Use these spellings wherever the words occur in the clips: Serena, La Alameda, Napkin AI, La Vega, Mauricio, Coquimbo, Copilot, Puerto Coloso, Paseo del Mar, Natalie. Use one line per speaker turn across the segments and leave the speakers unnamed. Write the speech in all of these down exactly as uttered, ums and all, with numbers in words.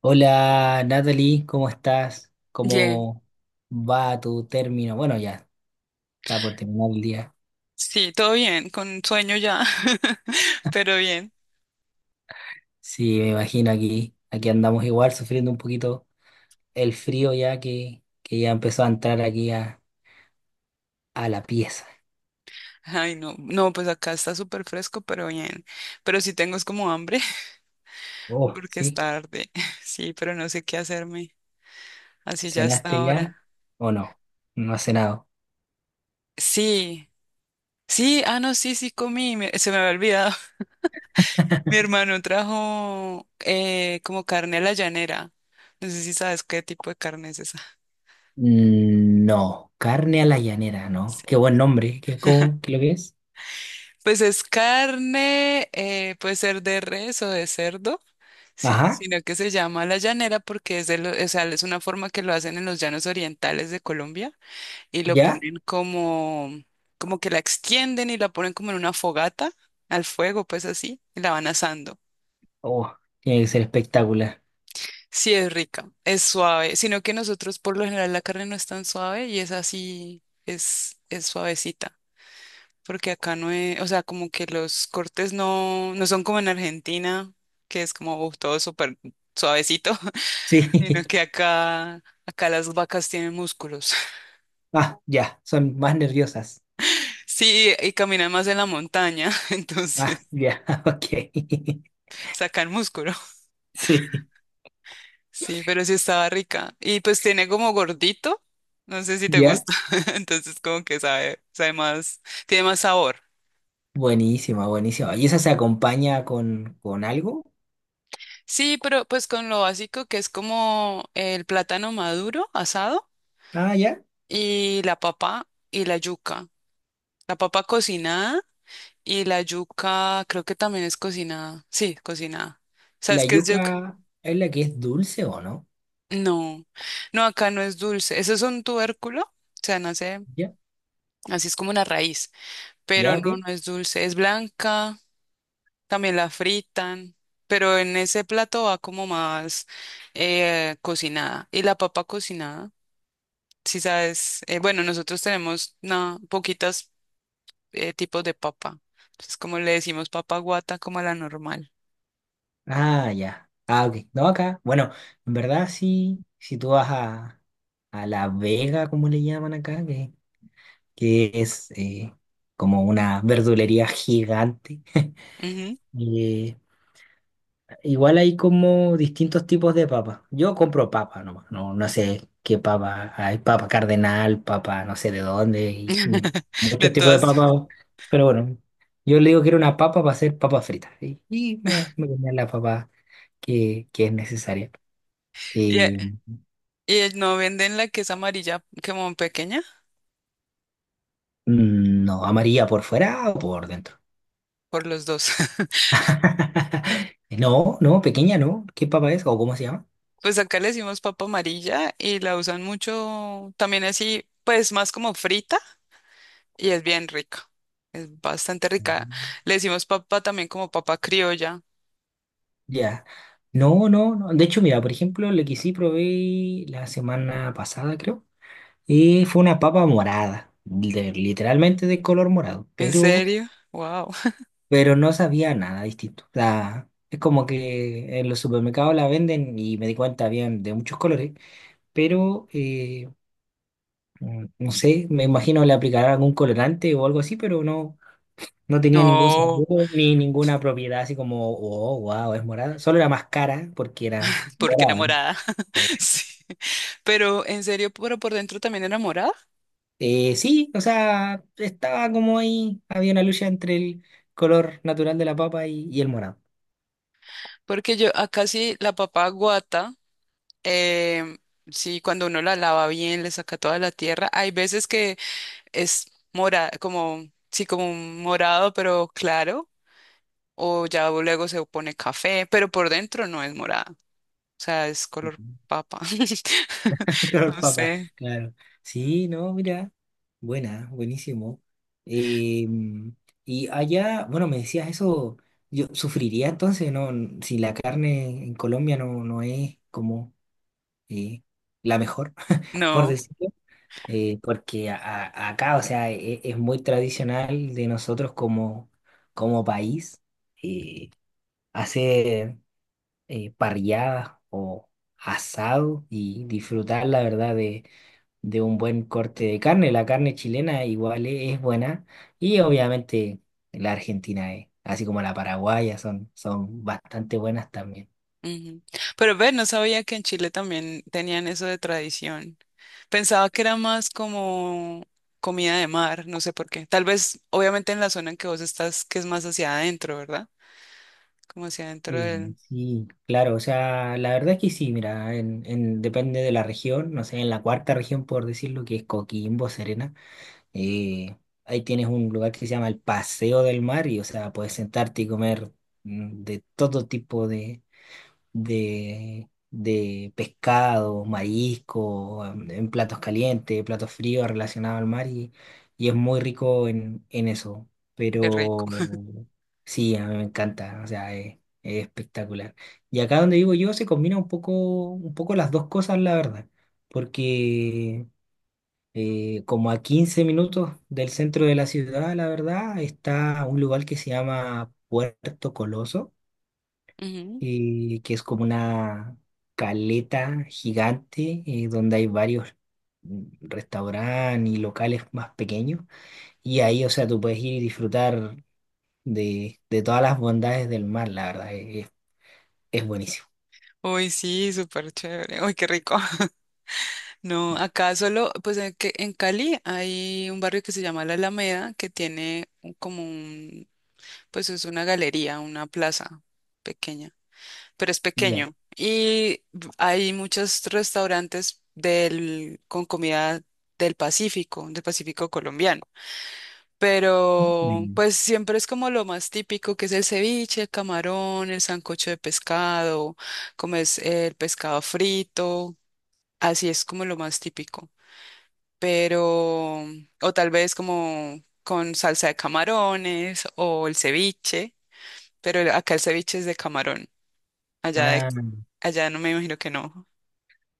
Hola Natalie, ¿cómo estás?
Bien.
¿Cómo va tu término? Bueno, ya está por terminar el día.
Sí, todo bien, con sueño ya, pero bien.
Sí, me imagino aquí, aquí andamos igual sufriendo un poquito el frío ya que, que ya empezó a entrar aquí a, a la pieza.
Ay, no, no, pues acá está súper fresco, pero bien. Pero sí tengo es como hambre,
Oh,
porque es
¿sí?
tarde. Sí, pero no sé qué hacerme. Así ya está
¿Cenaste
ahora.
ya o no? No has cenado.
Sí, sí, ah, no, sí, sí comí, me- se me había olvidado. Mi hermano trajo eh, como carne a la llanera. No sé si sabes qué tipo de carne es esa.
Mm, no, carne a la llanera, ¿no?
Sí.
Qué buen nombre, ¿qué, cómo, qué lo que es?
Pues es carne, eh, puede ser de res o de cerdo. Sí,
Ajá,
sino que se llama la llanera porque es de lo- o sea, es una forma que lo hacen en los llanos orientales de Colombia y lo
¿ya?
ponen como, como que la extienden y la ponen como en una fogata al fuego, pues así, y la van asando.
Oh, tiene que ser espectacular.
Sí, es rica, es suave, sino que nosotros por lo general la carne no es tan suave y es así, es, es suavecita, porque acá no es, o sea, como que los cortes no, no son como en Argentina, que es como uf, todo súper suavecito.
Sí.
Sino que acá, acá las vacas tienen músculos.
Ah, ya, son más nerviosas.
Sí, y caminan más en la montaña,
Ah,
entonces
ya. Ok.
sacan músculo.
Sí,
Sí, pero sí estaba rica. Y pues tiene como gordito, no sé si te
ya.
gusta, entonces como que sabe, sabe más, tiene más sabor.
Buenísima, buenísima. ¿Y esa se acompaña con, con algo?
Sí, pero pues con lo básico que es como el plátano maduro asado
Ah, ya.
y la papa y la yuca. La papa cocinada y la yuca creo que también es cocinada. Sí, cocinada. ¿Sabes
¿La
qué es yuca?
yuca es la que es dulce o no?
No, no, acá no es dulce. Eso es un tubérculo, o sea, nace,
Ya,
así es como una raíz, pero
ya,
no,
ok.
no es dulce. Es blanca, también la fritan, pero en ese plato va como más eh, cocinada. Y la papa cocinada, si sabes, eh, bueno, nosotros tenemos na- poquitas eh, tipos de papa. Entonces, como le decimos papa guata, como a la normal.
Ah, ya. Ah, ok. No, acá. Bueno, en verdad sí, si tú vas a, a La Vega, como le llaman acá, que, que es eh, como una verdulería gigante.
Ujú.
eh, Igual hay como distintos tipos de papas. Yo compro papa nomás. No, no sé qué papa. Hay papa cardenal, papa no sé de dónde y- y
De
muchos tipos de
todas.
papas. Pero bueno, yo le digo que era una papa para hacer papas fritas. Y, y me, me comía la papa que, que es necesaria.
Y, eh,
Y,
y no venden la que es amarilla, como pequeña,
mm, no, ¿amarilla por fuera o por dentro?
por los dos.
No, no, pequeña no. ¿Qué papa es o cómo se llama?
Pues acá le decimos papa amarilla y la usan mucho también así, pues más como frita y es bien rica. Es bastante rica. Le decimos papa también como papa criolla.
Ya. No, no, no. De hecho, mira, por ejemplo, lo que sí probé la semana pasada, creo, eh, fue una papa morada, de- literalmente de color morado,
¿En
pero,
serio? Wow.
pero no sabía nada distinto. O sea, es como que en los supermercados la venden y me di cuenta, habían de muchos colores, pero eh, mm, no sé, me imagino le aplicarán algún colorante o algo así, pero no, no tenía ningún
No,
sabor ni ninguna propiedad así como, oh, wow, es morada. Solo era más cara porque era
porque era
morada.
morada. Sí. Pero en serio, pero por dentro también era morada.
Eh, sí, o sea, estaba como ahí, había una lucha entre el color natural de la papa y, y el morado.
Porque yo acá sí la papa guata, em, sí, cuando uno la lava bien, le saca toda la tierra. Hay veces que es morada, como, sí, como un morado, pero claro, o ya luego se pone café, pero por dentro no es morada, o sea, es color
Ujú.
papa.
El color
No
papa,
sé,
claro. Sí, no, mira, buena, buenísimo. Eh, y allá, bueno, me decías eso, yo sufriría entonces, ¿no? Si la carne en Colombia no, no es como eh, la mejor, por
no.
decirlo. Eh, porque a- a- acá, o sea, e- e, es, muy tradicional de nosotros como, como país. eh, Hacer eh, parrilladas o asado y disfrutar, la verdad, de, de un buen corte de carne. La carne chilena igual e- es buena y obviamente la argentina, eh, así como la paraguaya, son, son bastante buenas también.
Ujú. Pero ve, no sabía que en Chile también tenían eso de tradición. Pensaba que era más como comida de mar, no sé por qué. Tal vez, obviamente, en la zona en que vos estás, que es más hacia adentro, ¿verdad? Como hacia adentro
Eh,
del...
sí, claro, o sea, la verdad es que sí, mira, en, en- depende de la región, no sé, en la cuarta región, por decirlo, que es Coquimbo, Serena. Y ahí tienes un lugar que se llama el Paseo del Mar y, o sea, puedes sentarte y comer mm, de todo tipo de, de, de pescado, marisco, am- en platos calientes, platos fríos relacionados al mar y, y es muy rico en, en eso.
Qué
Pero
rico.
sí, a mí me encanta, o sea, es, es espectacular. Y acá donde vivo yo se combina un poco, un poco las dos cosas, la verdad, porque eh, como a quince minutos del centro de la ciudad, la verdad, está un lugar que se llama Puerto Coloso,
Ujú.
y que es como una caleta gigante eh, donde hay varios mm, restaurantes y locales más pequeños. Y ahí, o sea, tú puedes ir y disfrutar de, de todas las bondades del mar, la verdad, es, es- buenísimo.
Uy, sí, súper chévere. Uy, qué rico. No, acá solo, pues en, que- en Cali hay un barrio que se llama La Alameda, que tiene un- como un, pues es una galería, una plaza pequeña, pero es
Ya.
pequeño. Y b- hay muchos restaurantes del, con comida del Pacífico, del Pacífico colombiano. Pero
Mm.
pues siempre es como lo más típico, que es el ceviche, el camarón, el sancocho de pescado, como es el pescado frito, así es como lo más típico pero, o tal vez como con salsa de camarones o el ceviche, pero el- acá el ceviche es de camarón, allá, de-
Ah,
allá no me imagino que no.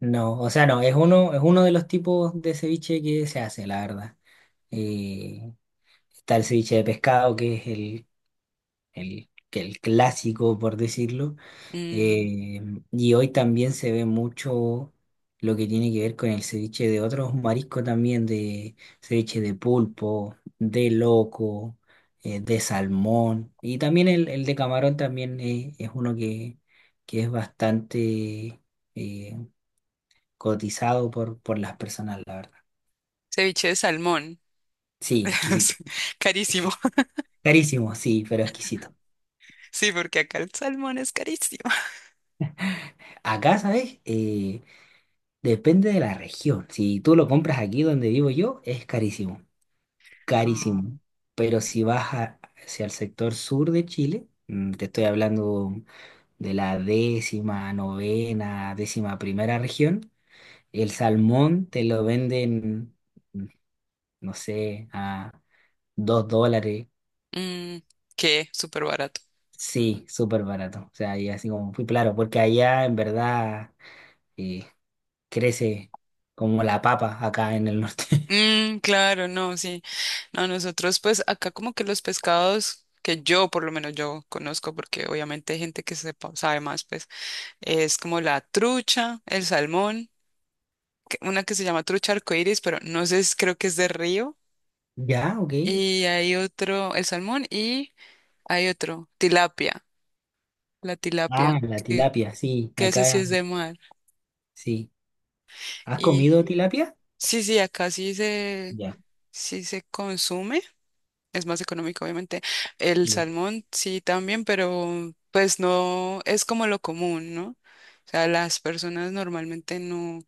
no, o sea, no, es uno, es uno de los tipos de ceviche que se hace, la verdad. Eh, Está el ceviche de pescado, que es el, el, que el clásico, por decirlo.
Mm,
Eh, y hoy también se ve mucho lo que tiene que ver con el ceviche de otros mariscos también, de ceviche de pulpo, de loco, eh, de salmón. Y también el, el de camarón también es, es uno que, que es bastante eh, cotizado por, por las personas, la verdad.
ceviche de salmón,
Sí,
es
exquisito,
carísimo,
exquisito. Carísimo, sí, pero exquisito.
sí, porque acá el salmón es carísimo.
Acá, ¿sabes? Eh, Depende de la región. Si tú lo compras aquí donde vivo yo, es carísimo,
Ah.
carísimo. Pero si vas a- hacia el sector sur de Chile, mm, te estoy hablando de la décima, novena, décima primera región, el salmón te lo venden, mm, no sé, a dos dólares.
Mm, ¿qué? Súper barato.
Sí, súper barato. O sea, y así como fui claro, porque allá en verdad eh, crece como la papa acá en el norte.
Mm, claro, no, sí. No, nosotros pues acá como que los pescados que yo por lo menos yo conozco porque obviamente hay gente que sepa, sabe más pues es como la trucha, el salmón, que- una que se llama trucha arcoíris, pero no sé, es- creo que es de río.
Ya, ok.
Y hay otro, el salmón, y hay otro, tilapia, la tilapia,
Ah, la
que,
tilapia, sí,
que esa sí
acá,
es de mar.
sí. ¿Has
Y
comido tilapia?
sí, sí, acá sí se,
Ya,
sí se consume, es más económico, obviamente. El
ya,
salmón sí también, pero pues no es como lo común, ¿no? O sea, las personas normalmente no,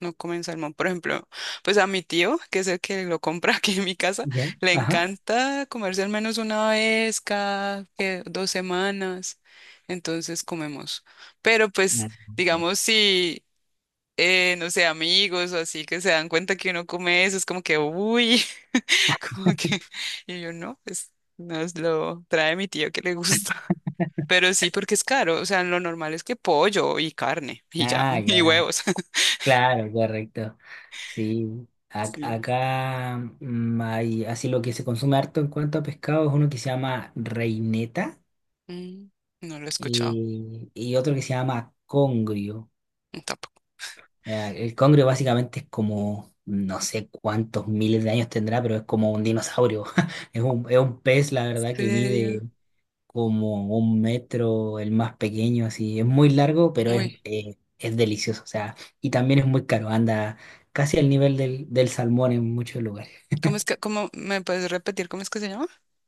no comen salmón. Por ejemplo, pues a mi tío, que es el que lo compra aquí en mi casa,
ya,
le
ajá.
encanta comerse al menos una vez cada que, dos semanas. Entonces comemos. Pero pues,
Ah, ya,
digamos, si, eh, no sé, amigos o así que se dan cuenta que uno come eso, es como que, uy, como que, y yo no, pues nos lo trae mi tío que le gusta. Pero sí, porque es caro. O sea, lo normal es que pollo y carne y ya,
ah,
y
ya,
huevos.
claro, correcto, sí. Ac-
Sí.
acá mm, hay, así lo que se consume harto en cuanto a pescado es uno que se llama reineta
Mm, no lo he escuchado,
y, y otro que se llama congrio.
no, tampoco.
Ya, el congrio básicamente es como, no sé cuántos miles de años tendrá, pero es como un dinosaurio. Es un, es un pez, la
¿En
verdad, que
serio?
mide como un metro, el más pequeño, así. Es muy largo, pero es,
Uy,
eh, es delicioso, o sea, y también es muy caro, anda casi al nivel del, del salmón en muchos lugares.
¿cómo es que, cómo me puedes repetir cómo es que se llama?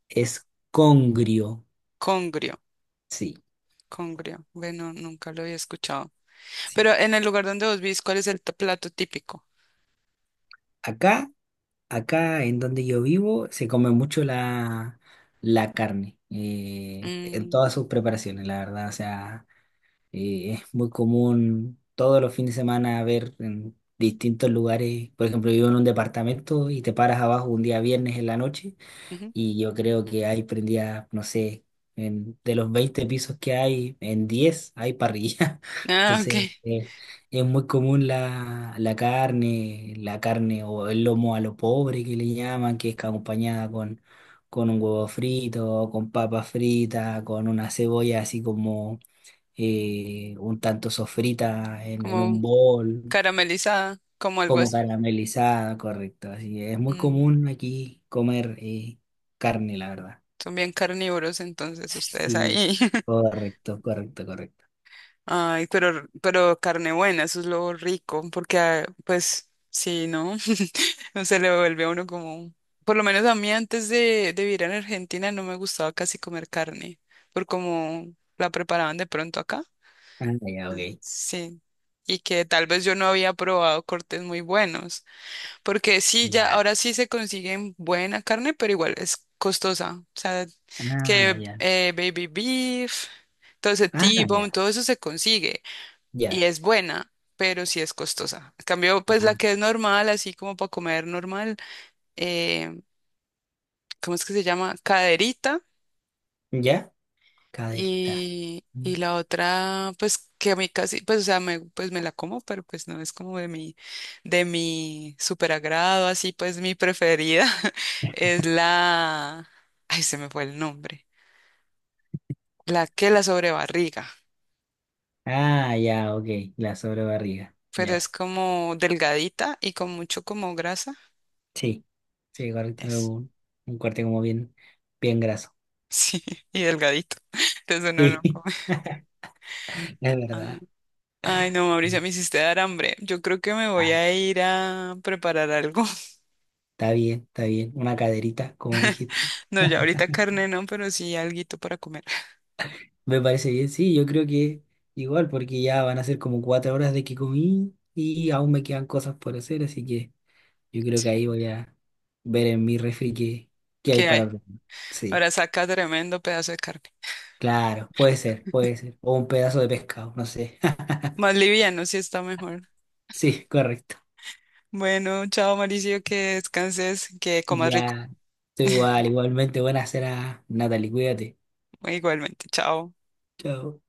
Es congrio,
Congrio,
sí.
congrio. Bueno, nunca lo había escuchado.
Sí.
Pero en el lugar donde vos vivís, ¿cuál es el t- plato típico?
Acá, acá en donde yo vivo, se come mucho la, la carne, eh, en
Mm,
todas sus preparaciones, la verdad, o sea. Eh, es muy común todos los fines de semana ver en distintos lugares. Por ejemplo, vivo en un departamento y te paras abajo un día viernes en la noche
ujú.
y yo creo que hay prendidas, no sé, en- de los veinte pisos que hay, en diez hay parrilla.
Ah, ok.
Entonces, eh, es muy común la, la carne, la carne o el lomo a lo pobre que le llaman, que es acompañada con, con un huevo frito, con papas fritas, con una cebolla así como eh, un tanto sofrita en, en un
Como
bol,
caramelizada, como algo
como
así.
caramelizada, correcto. Así que es muy
Mm,
común aquí comer eh, carne, la verdad.
son bien carnívoros entonces ustedes
Sí,
ahí.
correcto, correcto, correcto.
Ay, pero, pero carne buena, eso es lo rico, porque ah, pues sí, ¿no? No se le vuelve a uno como, por lo menos a mí antes de, de vivir en Argentina no me gustaba casi comer carne, por como la preparaban de pronto acá.
Ah, ya,
Ujú.
ok.
Sí. Y que tal vez yo no había probado cortes muy buenos, porque sí, ya
Claro.
ahora sí se consiguen buena carne, pero igual es costosa. O sea,
Ah,
que
ya.
eh, baby beef, todo ese
Ah,
T-bone,
ya.
todo eso se consigue y
Ya.
es buena, pero sí es costosa. En cambio, pues la
Ah,
que es normal, así como para comer normal, eh, ¿cómo es que se llama? Caderita
ya. Caderita.
y, y
Mm.
la otra, pues que a mí casi, pues o sea, me, pues me la como, pero pues no es como de mi, de mi super agrado, así pues mi preferida es la, ay, se me fue el nombre, la que la sobrebarriga,
Ah, ya, ok. La sobrebarriga.
pero es
Ya.
como delgadita y con mucho como grasa.
Sí. Sí, correcto. Un, un corte como bien, bien graso.
Sí, y delgadito. Entonces uno no
Sí,
come.
es
Ah,
verdad.
ay, no, Mauricio, me hiciste dar hambre. Yo creo que me voy
Ah.
a ir a preparar algo.
Está bien, está bien. Una caderita, como dijiste.
No, ya ahorita carne no, pero sí alguito para comer.
Me parece bien, sí, yo creo que igual, porque ya van a ser como cuatro horas de que comí y aún me quedan cosas por hacer, así que yo creo que ahí
Sí,
voy a ver en mi refri qué, qué hay
¿qué hay?
para probar. Sí,
Ahora saca tremendo pedazo de carne.
claro, puede ser, puede ser. O un pedazo de pescado, no sé.
Más liviano, sí está mejor.
Sí, correcto.
Bueno, chao, Mauricio, que descanses, que comas rico.
Ya, estoy igual. Igualmente, buena cena, Natalie, cuídate.
Igualmente, chao.
Chao.